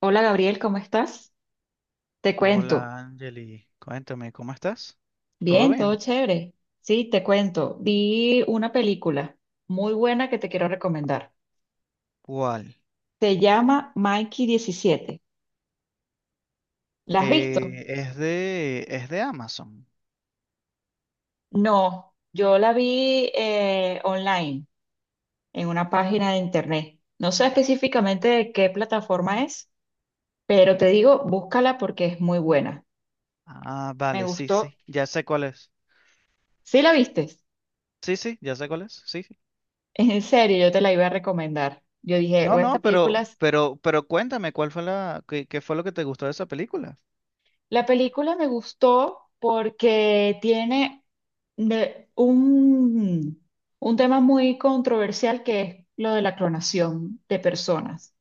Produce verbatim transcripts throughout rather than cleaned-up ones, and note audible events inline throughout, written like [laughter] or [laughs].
Hola, Gabriel, ¿cómo estás? Te cuento. Hola, Angeli. Cuéntame, ¿cómo estás? ¿Todo Bien, todo bien? chévere. Sí, te cuento. Vi una película muy buena que te quiero recomendar. ¿Cuál? Se llama Mikey diecisiete. ¿La has visto? Eh, es de, es de Amazon. No, yo la vi eh, online, en una página de internet. No sé específicamente de qué plataforma es, pero te digo, búscala porque es muy buena. Ah, Me vale, sí, gustó. sí. Ya sé cuál es. ¿Sí la viste? [laughs] Sí, sí, ya sé cuál es. Sí, sí. En serio, yo te la iba a recomendar. Yo dije, No, o esta no, pero, película. pero, pero cuéntame, ¿cuál fue la, qué, qué fue lo que te gustó de esa película? La película me gustó porque tiene de- un, un tema muy controversial que es lo de la clonación de personas.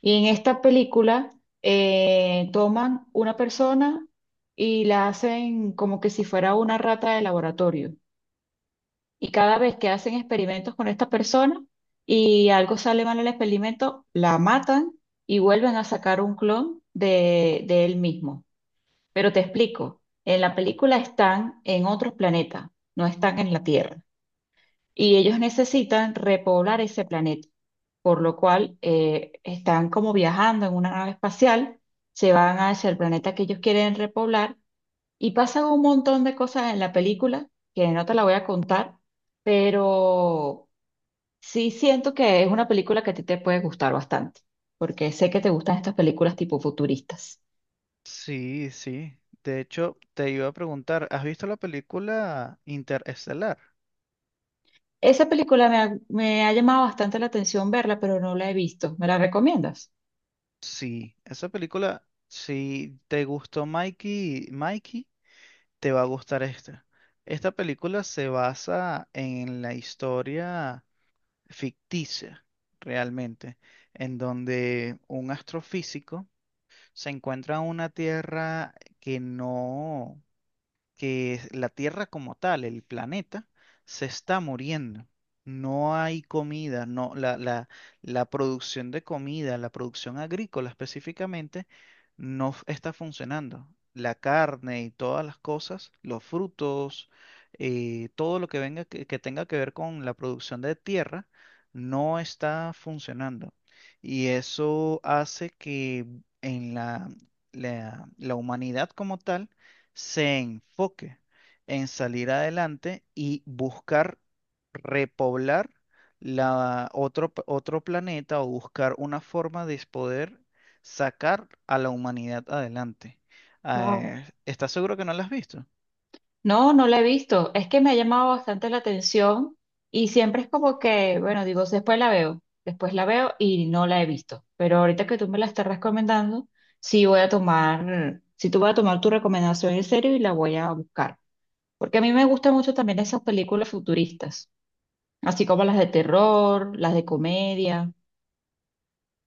Y en esta película eh, toman una persona y la hacen como que si fuera una rata de laboratorio. Y cada vez que hacen experimentos con esta persona y algo sale mal en el experimento, la matan y vuelven a sacar un clon de de él mismo. Pero te explico, en la película están en otros planetas, no están en la Tierra. Y ellos necesitan repoblar ese planeta, por lo cual eh, están como viajando en una nave espacial, se van hacia el planeta que ellos quieren repoblar y pasan un montón de cosas en la película que no te la voy a contar, pero sí siento que es una película que a ti te puede gustar bastante, porque sé que te gustan estas películas tipo futuristas. Sí, sí. De hecho, te iba a preguntar, ¿has visto la película Interestelar? Esa película me ha, me ha llamado bastante la atención verla, pero no la he visto. ¿Me la recomiendas? Sí, esa película, si te gustó Mikey, Mikey. Te va a gustar esta. Esta película se basa en la historia ficticia, realmente, en donde un astrofísico se encuentra en una tierra que no, que es la Tierra como tal, el planeta, se está muriendo. No hay comida, no, la, la, la producción de comida, la producción agrícola específicamente, no f- está funcionando. La carne y todas las cosas, los frutos, eh, todo lo que venga que, que tenga que ver con la producción de tierra, no está funcionando. Y eso hace que en la, la la humanidad como tal se enfoque en salir adelante y buscar repoblar la otro, p- otro planeta o buscar una forma de poder sacar a la humanidad adelante. Wow. Eh, ¿estás seguro que no la has visto? No, no la he visto. Es que me ha llamado bastante la atención y siempre es como que, bueno, digo, después la veo, después la veo y no la he visto. Pero ahorita que tú me la estás recomendando, sí voy a tomar, sí tú voy a tomar tu recomendación en serio y la voy a buscar. Porque a mí me gustan mucho también esas películas futuristas, así como las de terror, las de comedia.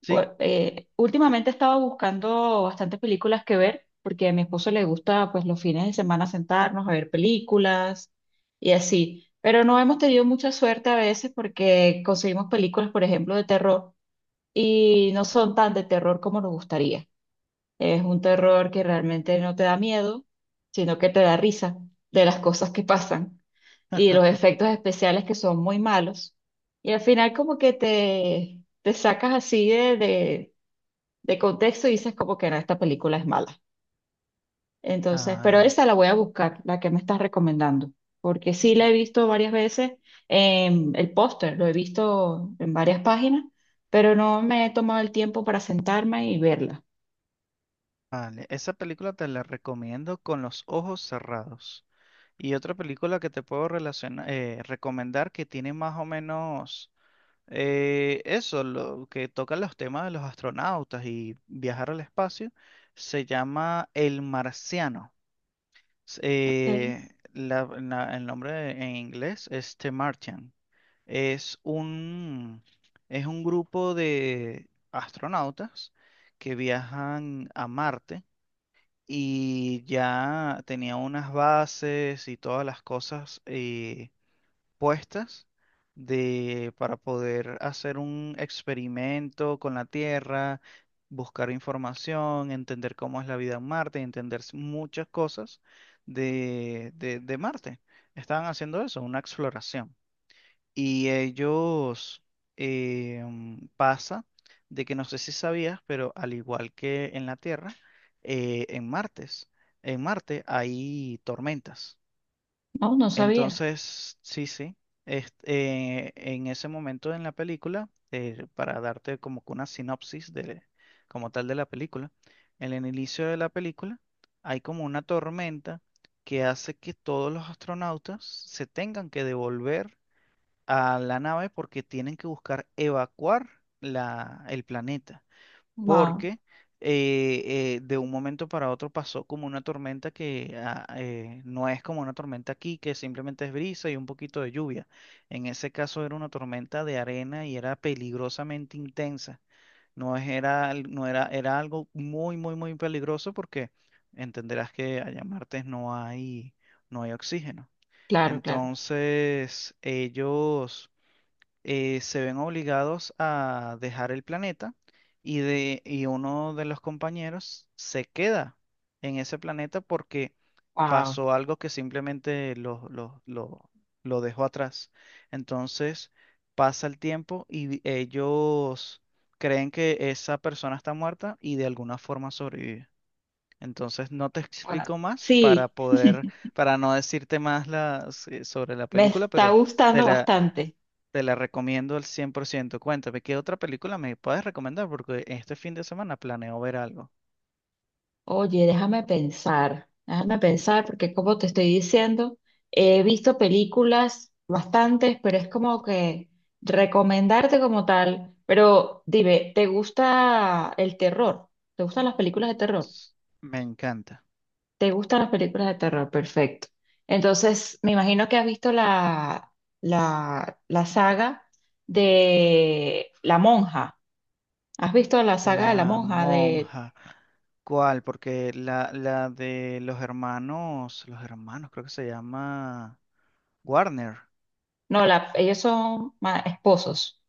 Sí. Por- eh, últimamente estaba buscando bastantes películas que ver, porque a mi esposo le gusta, pues, los fines de semana sentarnos a ver películas y así. Pero no hemos tenido mucha suerte a veces porque conseguimos películas, por ejemplo, de terror y no son tan de terror como nos gustaría. Es un terror que realmente no te da miedo, sino que te da risa de las cosas que pasan y los [laughs] efectos especiales que son muy malos. Y al final como que te, te sacas así de, de- de contexto y dices como que no, esta película es mala. Entonces, pero Ah, esa la voy a buscar, la que me estás recomendando, porque sí la he visto varias veces, en el póster lo he visto en varias páginas, pero no me he tomado el tiempo para sentarme y verla. vale. Esa película te la recomiendo con los ojos cerrados. Y otra película que te puedo relaciona- eh, recomendar que tiene más o menos Eh, eso, lo que toca los temas de los astronautas y viajar al espacio, se llama El Marciano. S- Okay. Eh, la- la- el nombre en inglés es The Martian. Es un, es un grupo de astronautas que viajan a Marte y ya tenía unas bases y todas las cosas eh, puestas de, para poder hacer un experimento con la Tierra, buscar información, entender cómo es la vida en Marte, entender s- muchas cosas de, de, de Marte. Estaban haciendo eso, una exploración. Y ellos eh, mm, pasa de que no sé si sabías, pero al igual que en la Tierra, eh, en Martes, en Marte hay tormentas. No, no sabía. Entonces, sí, sí. Este, eh, en ese momento en la película, eh, para darte como que una sinopsis de, como tal de la película, en el inicio de la película hay como una tormenta que hace que todos los astronautas se tengan que devolver a la nave porque tienen que buscar evacuar la, el planeta Wow, porque eh, eh, de un momento para otro pasó como una tormenta que ah, eh, no es como una tormenta aquí, que simplemente es brisa y un poquito de lluvia. En ese caso era una tormenta de arena y era peligrosamente intensa. No es- era, al- no era, era algo muy, muy, muy peligroso porque entenderás que allá en Martes no hay, no hay oxígeno. claro, claro. Entonces, ellos eh, se ven obligados a dejar el planeta y, de, y uno de los compañeros se queda en ese planeta porque Wow. pasó algo que simplemente lo, lo, lo- lo dejó atrás. Entonces pasa el tiempo y vi- ellos creen que esa persona está muerta y de alguna forma sobrevive. Entonces no te explico más para Sí, poder, para no decirte más las- eh, sobre la me película, está pero te gustando la, bastante. te la recomiendo al cien por ciento. Cuéntame, ¿qué otra película me puedes recomendar? Porque este fin de semana planeo ver algo. Oye, déjame pensar, déjame pensar, porque como te estoy diciendo, he visto películas bastantes, pero es como que recomendarte como tal. Pero dime, ¿te gusta el terror? ¿Te gustan las películas de terror? S- Me encanta. ¿Te gustan las películas de terror? Perfecto. Entonces, me imagino que has visto la, la, la saga de La Monja. ¿Has visto la saga de La La Monja? De, monja. ¿Cuál? Porque la, la de los hermanos, los hermanos, creo que se llama Warner. no, la, ellos son ma- esposos.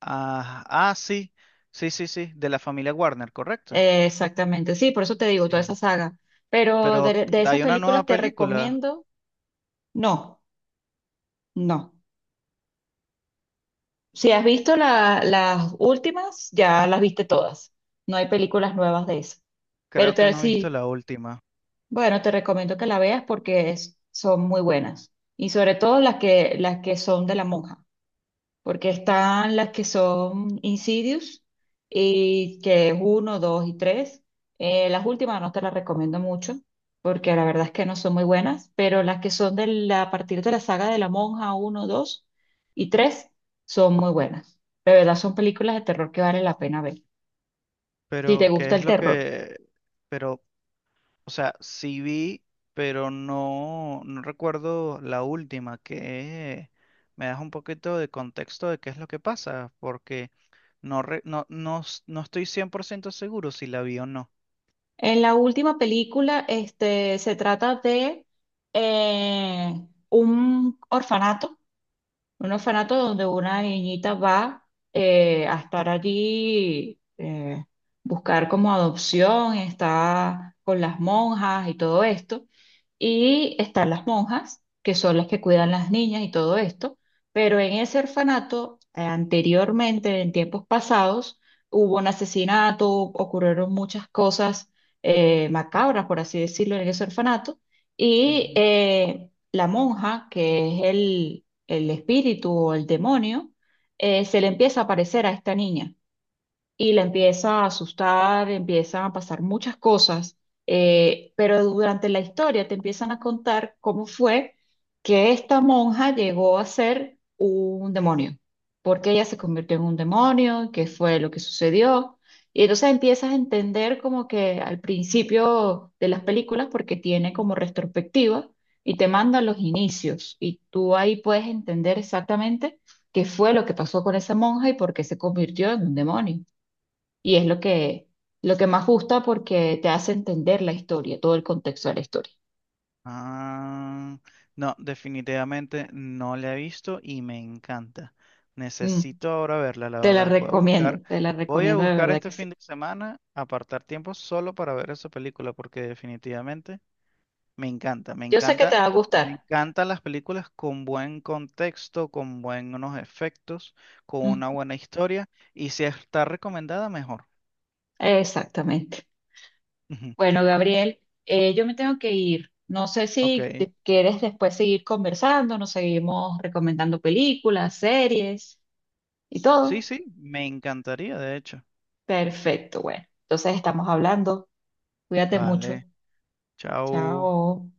Ah, ah, sí, sí, sí, sí, de la familia Warner, correcto. Eh, exactamente, sí, por eso te digo, toda esa Sí. saga. Pero Pero de, de esas hay una nueva películas te película, recomiendo, no, no. Si has visto la- las últimas, ya las viste todas. No hay películas nuevas de eso. Pero creo que te, no he visto sí, la última. bueno, te recomiendo que la veas porque es- son muy buenas. Y sobre todo las que, las que son de la monja. Porque están las que son Insidious, y que es uno, dos y tres. Eh, las últimas no te las recomiendo mucho, porque la verdad es que no son muy buenas, pero las que son de la- a partir de la saga de la monja uno, dos y tres son muy buenas. De verdad son películas de terror que vale la pena ver, si te Pero, ¿qué gusta es el lo terror. que... Pero o sea, sí vi, pero no, no recuerdo la última, que me das un poquito de contexto de qué es lo que pasa, porque no, re- no, no, s- no estoy cien por ciento seguro si la vi o no. En la última película, este, se trata de eh, un orfanato. Un orfanato donde una niñita va eh, a estar allí, eh, buscar como adopción, está con las monjas y todo esto. Y están las monjas, que son las que cuidan las niñas y todo esto. Pero en ese orfanato, eh, anteriormente, en tiempos pasados, hubo un asesinato, ocurrieron muchas cosas eh, macabras, por así decirlo, en ese orfanato. Y Ujú. eh, la monja, que es el el espíritu o el demonio, eh, se le empieza a aparecer a esta niña y la empieza a asustar, empiezan a pasar muchas cosas, eh, pero durante la historia te empiezan a contar cómo fue que esta monja llegó a ser un demonio, porque ella se convirtió en un demonio, qué fue lo que sucedió. Y entonces empiezas a entender como que al principio de las películas, porque tiene como retrospectiva y te manda los inicios y tú ahí puedes entender exactamente qué fue lo que pasó con esa monja y por qué se convirtió en un demonio. Y es lo que, lo que más gusta porque te hace entender la historia, todo el contexto de la historia. Ah, no, definitivamente no la he visto y me encanta. Mm, Necesito ahora verla, la te la verdad. Voy a recomiendo, buscar, te la voy a recomiendo de buscar verdad este que sí. fin de semana, apartar tiempo solo para ver esa película, porque definitivamente... Me encanta, me Yo sé que te encanta, va a gustar. me encantan las películas con buen contexto, con buenos efectos, con Mm, una buena historia y si está recomendada, mejor. exactamente. [laughs] Ujú, Bueno, Gabriel, eh, yo me tengo que ir. No sé si Ok. te quieres después seguir conversando, nos seguimos recomendando películas, series y Sí, todo. sí, me encantaría, de hecho. Perfecto, bueno. Entonces estamos hablando. Cuídate mucho. Vale, chao. Chao.